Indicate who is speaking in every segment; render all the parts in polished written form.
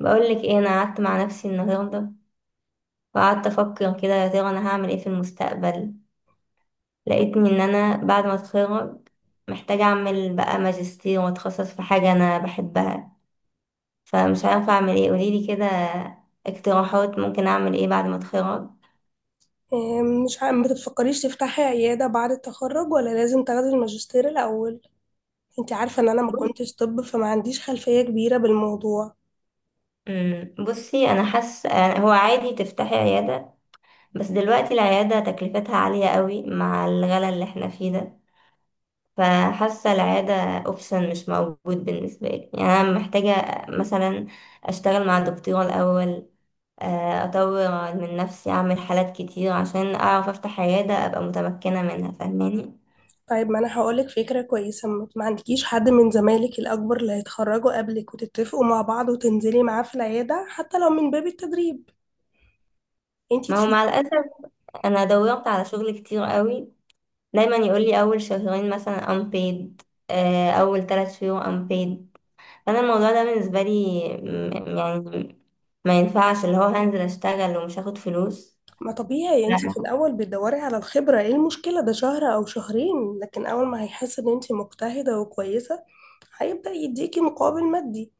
Speaker 1: بقول لك ايه؟ انا قعدت مع نفسي النهارده وقعدت افكر كده، يا ترى انا هعمل ايه في المستقبل؟ لقيتني ان انا بعد ما اتخرج محتاجه اعمل بقى ماجستير واتخصص في حاجه انا بحبها، فمش عارفه اعمل ايه. قوليلي كده اقتراحات، ممكن اعمل ايه بعد ما اتخرج؟
Speaker 2: مش عارفة، ما بتفكريش تفتحي عيادة بعد التخرج ولا لازم تاخدي الماجستير الأول؟ انت عارفة ان انا ما
Speaker 1: بص.
Speaker 2: كنتش طب، فما عنديش خلفية كبيرة بالموضوع.
Speaker 1: بصي، انا حاسه هو عادي تفتحي عياده، بس دلوقتي العياده تكلفتها عاليه قوي مع الغلا اللي احنا فيه ده. فحاسة العيادة اوبشن مش موجود بالنسبة لي. يعني أنا محتاجة مثلا أشتغل مع الدكتور الأول، أطور من نفسي، أعمل حالات كتير عشان أعرف أفتح عيادة، أبقى متمكنة منها. فاهماني؟
Speaker 2: طيب، ما انا هقولك فكرة كويسة. ما عندكيش حد من زمايلك الأكبر اللي هيتخرجوا قبلك وتتفقوا مع بعض وتنزلي معاه في العيادة حتى لو من باب التدريب؟ انت
Speaker 1: ما هو مع
Speaker 2: تفيدي.
Speaker 1: الأسف أنا دورت على شغل كتير قوي، دايما يقولي أول شهرين مثلا unpaid، أول 3 شهور unpaid. فأنا الموضوع ده بالنسبة لي يعني ما ينفعش، اللي هو هنزل أشتغل ومش هاخد فلوس.
Speaker 2: ما طبيعي انت في
Speaker 1: لا،
Speaker 2: الأول بتدوري على الخبرة، ايه المشكلة؟ ده شهر أو شهرين، لكن أول ما هيحس ان انت مجتهدة وكويسة هيبدأ يديكي مقابل مادي.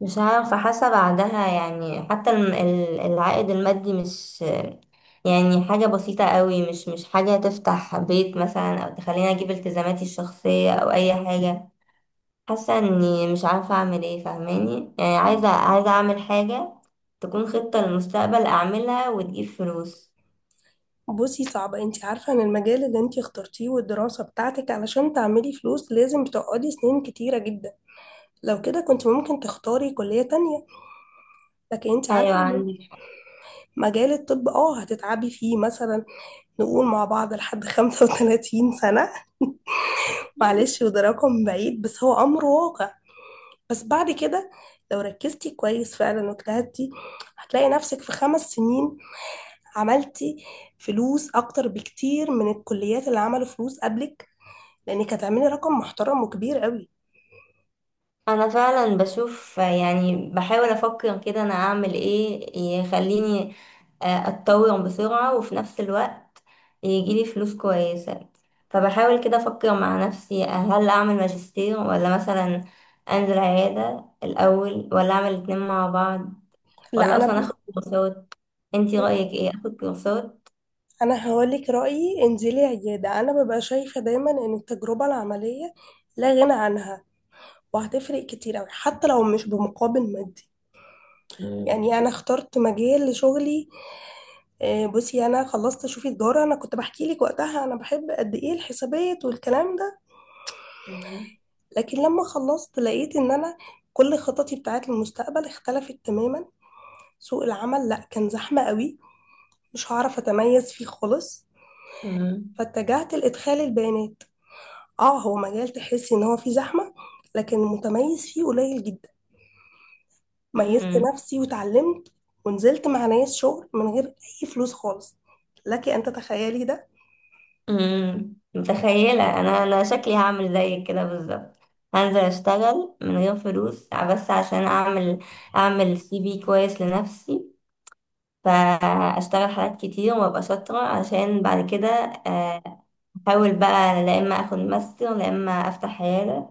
Speaker 1: مش عارفة. حاسة بعدها يعني حتى العائد المادي مش يعني حاجة بسيطة قوي، مش حاجة تفتح بيت مثلا أو تخليني أجيب التزاماتي الشخصية أو أي حاجة. حاسة إني مش عارفة أعمل إيه. فاهماني؟ يعني عايزة أعمل حاجة تكون خطة للمستقبل أعملها وتجيب فلوس.
Speaker 2: بصي، صعبة. انت عارفة ان المجال اللي انت اخترتيه والدراسة بتاعتك علشان تعملي فلوس لازم تقعدي سنين كتيرة جدا. لو كده كنت ممكن تختاري كلية تانية. لكن انت عارفة،
Speaker 1: أيوة، عندي.
Speaker 2: مجال الطب اه هتتعبي فيه مثلا، نقول مع بعض لحد 35 سنة. معلش، وده رقم بعيد بس هو امر واقع. بس بعد كده لو ركزتي كويس فعلا واجتهدتي هتلاقي نفسك في 5 سنين عملتي فلوس اكتر بكتير من الكليات اللي عملوا فلوس قبلك، لانك هتعملي رقم محترم وكبير قوي.
Speaker 1: انا فعلا بشوف، يعني بحاول افكر كده انا اعمل ايه يخليني اتطور بسرعة، وفي نفس الوقت يجيلي فلوس كويسة. فبحاول كده افكر مع نفسي، هل اعمل ماجستير ولا مثلا انزل عيادة الاول، ولا اعمل الاتنين مع بعض،
Speaker 2: لا،
Speaker 1: ولا اصلا اخد كورسات؟ انتي رأيك ايه، اخد كورسات؟
Speaker 2: انا هقولك رايي، انزلي عياده. انا ببقى شايفه دايما ان التجربه العمليه لا غنى عنها، وهتفرق كتير قوي حتى لو مش بمقابل مادي.
Speaker 1: مم.
Speaker 2: يعني انا اخترت مجال لشغلي. بصي، انا خلصت، شوفي، تجاره، انا كنت بحكي لك وقتها انا بحب قد ايه الحسابات والكلام ده.
Speaker 1: مم.
Speaker 2: لكن لما خلصت لقيت ان انا كل خططي بتاعت المستقبل اختلفت تماما. سوق العمل لا كان زحمه قوي، مش هعرف اتميز فيه خالص، فاتجهت لإدخال البيانات. اه، هو مجال تحسي ان هو فيه زحمة، لكن المتميز فيه قليل جدا. ميزت
Speaker 1: مم.
Speaker 2: نفسي وتعلمت، ونزلت مع ناس شغل من غير اي فلوس خالص. لك ان تتخيلي ده.
Speaker 1: امم، متخيلة. انا شكلي هعمل زيك كده بالظبط. هنزل اشتغل من غير فلوس، بس عشان اعمل، اعمل سي في كويس لنفسي. فاشتغل حاجات كتير وابقى شاطرة، عشان بعد كده آه، احاول بقى لا اما اخد ماستر لا اما افتح عيادة.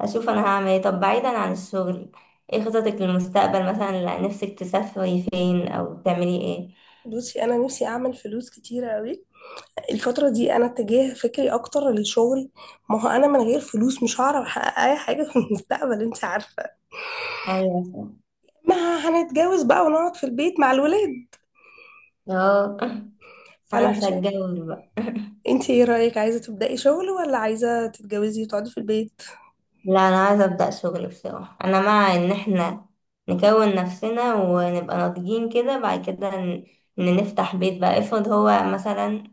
Speaker 1: اشوف انا هعمل ايه. طب بعيدا عن الشغل، ايه خططك للمستقبل مثلا؟ لا، نفسك تسافري فين او تعملي ايه؟
Speaker 2: بصي، انا نفسي اعمل فلوس كتيرة قوي. الفترة دي انا اتجاه فكري اكتر للشغل. ما هو انا من غير فلوس مش هعرف احقق اي حاجة في المستقبل، انت عارفة.
Speaker 1: ايوه، صح.
Speaker 2: ما هنتجوز بقى ونقعد في البيت مع الولاد.
Speaker 1: اه.
Speaker 2: فانا
Speaker 1: انا مش
Speaker 2: عشان...
Speaker 1: هتجوز.
Speaker 2: انت ايه رأيك؟ عايزة تبدأي شغل ولا عايزة تتجوزي وتقعدي في البيت؟
Speaker 1: لا، انا عايزه ابدا شغل. بصراحه انا مع ان احنا نكون نفسنا ونبقى ناضجين كده، بعد كده ان نفتح بيت بقى. افرض هو مثلا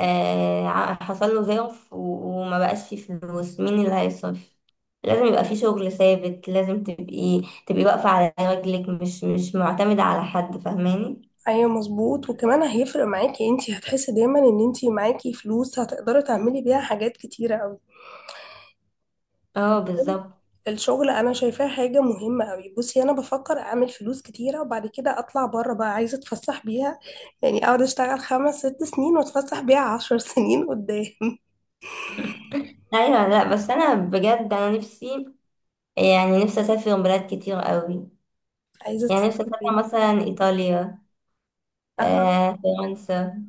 Speaker 1: آه حصل له ظرف وما بقاش فيه فلوس، مين اللي هيصرف؟ لازم يبقى فيه شغل ثابت. لازم تبقي واقفه على رجلك، مش معتمده على حد. فاهماني؟
Speaker 2: ايوه، مظبوط. وكمان هيفرق معاكي، انتي هتحسي دايما ان انتي معاكي فلوس هتقدري تعملي بيها حاجات كتيرة اوي.
Speaker 1: اه، بالظبط.
Speaker 2: الشغل انا شايفاه حاجة مهمة اوي. بصي، انا بفكر اعمل فلوس كتيرة وبعد كده اطلع بره بقى، عايزة اتفسح بيها. يعني اقعد اشتغل خمس ست سنين واتفسح بيها 10 سنين قدام.
Speaker 1: ايوه، لا بس انا بجد انا نفسي، يعني نفسي اسافر بلاد كتير قوي.
Speaker 2: عايزة
Speaker 1: يعني نفسي
Speaker 2: تسافري فين
Speaker 1: اسافر
Speaker 2: مثلا؟
Speaker 1: مثلا ايطاليا،
Speaker 2: اها،
Speaker 1: آه فرنسا.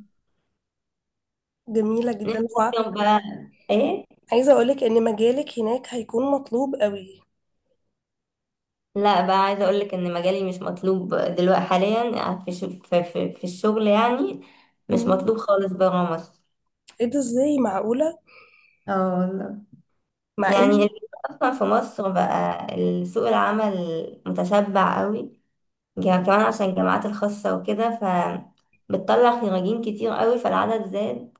Speaker 2: جميلة جدا.
Speaker 1: نفسي أفهم بقى ايه.
Speaker 2: وعايزة اقولك ان مجالك هناك هيكون مطلوب اوي.
Speaker 1: لا بقى، عايزه اقول لك ان مجالي مش مطلوب دلوقتي حاليا في, ش... في, في, في الشغل يعني. مش
Speaker 2: مم.
Speaker 1: مطلوب خالص بره مصر.
Speaker 2: ايه ده؟ ازاي؟ معقولة؟
Speaker 1: اه والله.
Speaker 2: مع
Speaker 1: يعني
Speaker 2: ان...
Speaker 1: الفكرة اصلا في مصر بقى سوق العمل متشبع قوي، كمان عشان الجامعات الخاصه وكده، ف بتطلع خريجين كتير قوي، فالعدد زاد.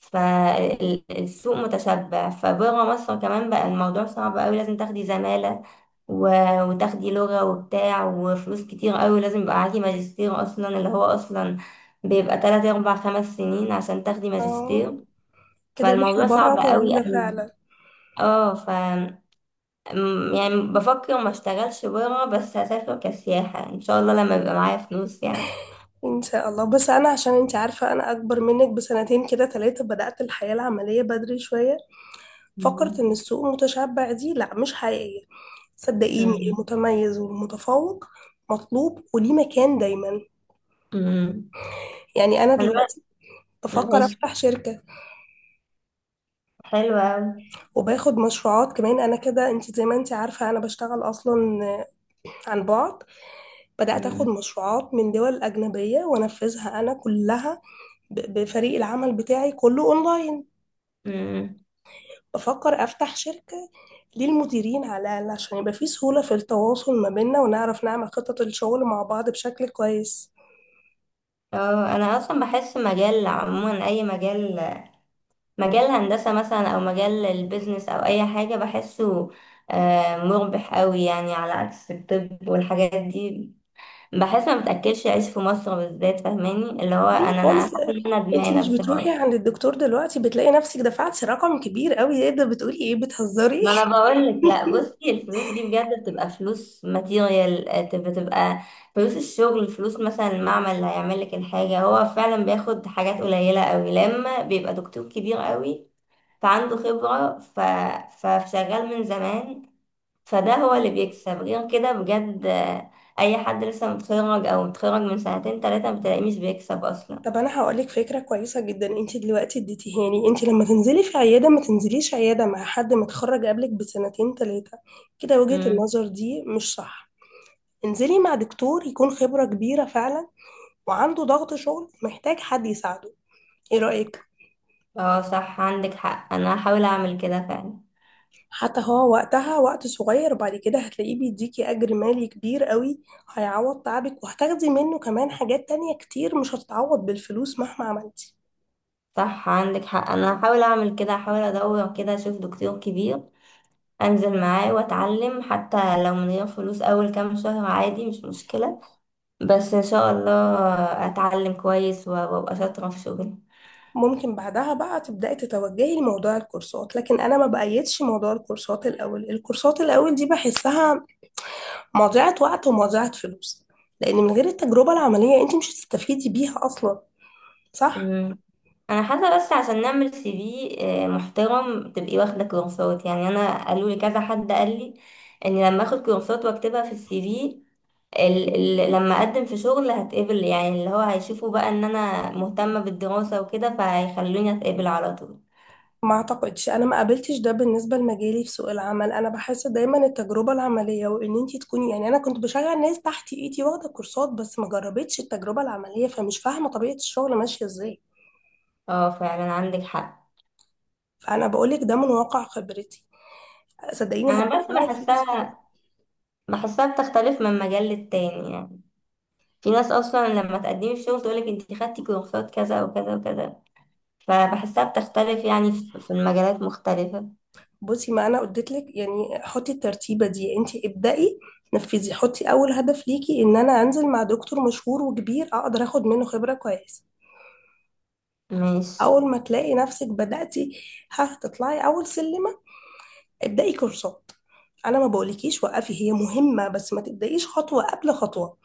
Speaker 1: فالسوق متشبع. فبره مصر كمان بقى الموضوع صعب قوي. لازم تاخدي زمالة و... وتاخدي لغة وبتاع، وفلوس كتير قوي لازم يبقى معاكي. ماجستير أصلا، اللي هو أصلا بيبقى 3 4 5 سنين عشان تاخدي
Speaker 2: اه،
Speaker 1: ماجستير.
Speaker 2: كده رحلة
Speaker 1: فالموضوع
Speaker 2: بره
Speaker 1: صعب قوي
Speaker 2: طويلة
Speaker 1: قوي.
Speaker 2: فعلا.
Speaker 1: اه، ف يعني بفكر ما اشتغلش بره، بس هسافر كسياحة ان شاء الله لما يبقى معايا فلوس يعني.
Speaker 2: ان شاء الله. بس انا عشان انت عارفه انا اكبر منك بسنتين كده ثلاثه، بدات الحياه العمليه بدري شويه. فكرت
Speaker 1: مم.
Speaker 2: ان السوق متشبع دي لا مش حقيقيه. صدقيني،
Speaker 1: مم.
Speaker 2: المتميز والمتفوق مطلوب وليه مكان دايما.
Speaker 1: مم.
Speaker 2: يعني انا
Speaker 1: انا.
Speaker 2: دلوقتي بفكر
Speaker 1: ماشي.
Speaker 2: افتح شركه،
Speaker 1: حلوة أوي.
Speaker 2: وباخد مشروعات كمان. انا كده انت زي ما انت عارفه انا بشتغل اصلا آه، عن بعد. بدات اخد
Speaker 1: مم.
Speaker 2: مشروعات من دول اجنبيه وانفذها انا كلها بفريق العمل بتاعي كله اونلاين.
Speaker 1: مم.
Speaker 2: بفكر افتح شركة ليه المديرين على الأقل، عشان يبقى في سهولة في التواصل ما بيننا ونعرف نعمل خطط الشغل مع بعض بشكل كويس.
Speaker 1: اه، انا اصلا بحس مجال عموما، اي مجال، مجال هندسة مثلا او مجال البيزنس او اي حاجة، بحسه مربح قوي، يعني على عكس الطب والحاجات دي. بحس ما بتاكلش عيش في مصر بالذات. فاهماني؟ اللي هو
Speaker 2: ليه
Speaker 1: انا
Speaker 2: خالص؟
Speaker 1: حاسه ان انا
Speaker 2: انت
Speaker 1: ندمانه
Speaker 2: مش بتروحي
Speaker 1: بصراحه.
Speaker 2: عند الدكتور دلوقتي بتلاقي نفسك دفعتي رقم كبير قوي؟ ايه ده بتقولي؟ ايه بتهزري؟
Speaker 1: ما انا بقول لك، لا بصي الفلوس دي بجد بتبقى فلوس ماتيريال، بتبقى فلوس الشغل، فلوس مثلا المعمل اللي هيعمل لك الحاجه هو فعلا بياخد حاجات قليله قوي. لما بيبقى دكتور كبير قوي فعنده خبرة فشغال من زمان، فده هو اللي بيكسب. غير كده بجد أي حد لسه متخرج أو متخرج من 2 3 سنين بتلاقيه مش بيكسب أصلا.
Speaker 2: طب انا هقولك فكرة كويسة جدا انت دلوقتي اديتيهاني. انت لما تنزلي في عيادة، ما تنزليش عيادة مع حد متخرج قبلك بسنتين ثلاثة كده. وجهة
Speaker 1: مم.
Speaker 2: النظر دي مش صح. انزلي مع دكتور يكون خبرة كبيرة فعلا وعنده ضغط شغل محتاج حد يساعده. ايه رأيك؟
Speaker 1: اه صح، عندك حق. أنا هحاول أعمل كده فعلا.
Speaker 2: حتى هو وقتها وقت صغير، بعد كده هتلاقيه بيديكي اجر مالي كبير قوي، هيعوض تعبك. وهتاخدي منه كمان حاجات تانية كتير مش هتتعوض بالفلوس مهما عملتي.
Speaker 1: صح عندك حق. أنا هحاول أعمل كده، هحاول أدور كده أشوف دكتور كبير أنزل معاه وأتعلم، حتى لو من غير فلوس أول كام شهر، عادي مش مشكلة. بس إن شاء الله أتعلم كويس وأبقى شاطرة في شغلي.
Speaker 2: ممكن بعدها بقى تبدأي تتوجهي لموضوع الكورسات، لكن انا ما بأيدش موضوع الكورسات الاول. الكورسات الاول دي بحسها مضيعة وقت ومضيعة فلوس. لان من غير التجربة العملية انت مش هتستفيدي بيها اصلا، صح؟
Speaker 1: مم. انا حاسه بس عشان نعمل سي في محترم، تبقي واخده كورسات. يعني انا قالوا لي كذا حد، قال لي ان لما اخد كورسات واكتبها في السي في، ال لما اقدم في شغل هتقبل. يعني اللي هو هيشوفوا بقى ان انا مهتمه بالدراسه وكده، فهيخلوني اتقبل على طول.
Speaker 2: ما اعتقدش، انا ما قابلتش ده بالنسبه لمجالي في سوق العمل. انا بحس دايما التجربه العمليه وان انت تكوني، يعني انا كنت بشغل ناس تحت ايدي واخده كورسات بس ما جربتش التجربه العمليه، فمش فاهمه طبيعه الشغل ماشيه ازاي.
Speaker 1: اه فعلا، عندك حق.
Speaker 2: فانا بقولك ده من واقع خبرتي. صدقيني،
Speaker 1: انا بس
Speaker 2: هتجمعي الفلوس.
Speaker 1: بحسها بتختلف من مجال للتاني يعني. في ناس اصلا لما تقدمي في شغل تقولك انت خدتي كورسات كذا وكذا وكذا. فبحسها بتختلف يعني، في المجالات مختلفة.
Speaker 2: بصي، ما انا قلت لك يعني حطي الترتيبه دي. انت ابدأي، نفذي. حطي اول هدف ليكي ان انا انزل مع دكتور مشهور وكبير اقدر اخد منه خبره كويسه.
Speaker 1: ماشي.
Speaker 2: اول ما تلاقي نفسك بدأتي، هتطلعي اول سلم. ابدأي كورسات. انا ما بقولكيش وقفي، هي مهمة، بس ما تبدأيش خطوة قبل خطوة.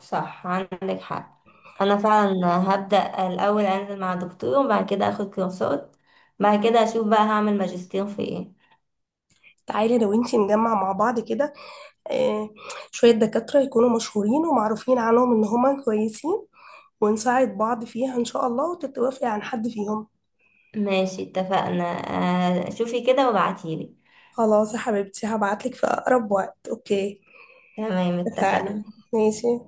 Speaker 1: صح عندك حق. أنا فعلا هبدأ الأول أنزل مع دكتور، وبعد كده أخد كورسات، بعد كده أشوف بقى هعمل ماجستير في إيه.
Speaker 2: تعالي لو انتي نجمع مع بعض كده آه، شوية دكاترة يكونوا مشهورين ومعروفين عنهم ان هما كويسين، ونساعد بعض فيها ان شاء الله وتتوافقي عن حد فيهم.
Speaker 1: ماشي، اتفقنا. شوفي كده وابعتيلي.
Speaker 2: خلاص يا حبيبتي، هبعتلك في اقرب وقت، اوكي؟
Speaker 1: تمام،
Speaker 2: اتفقنا.
Speaker 1: اتفقنا.
Speaker 2: ماشي.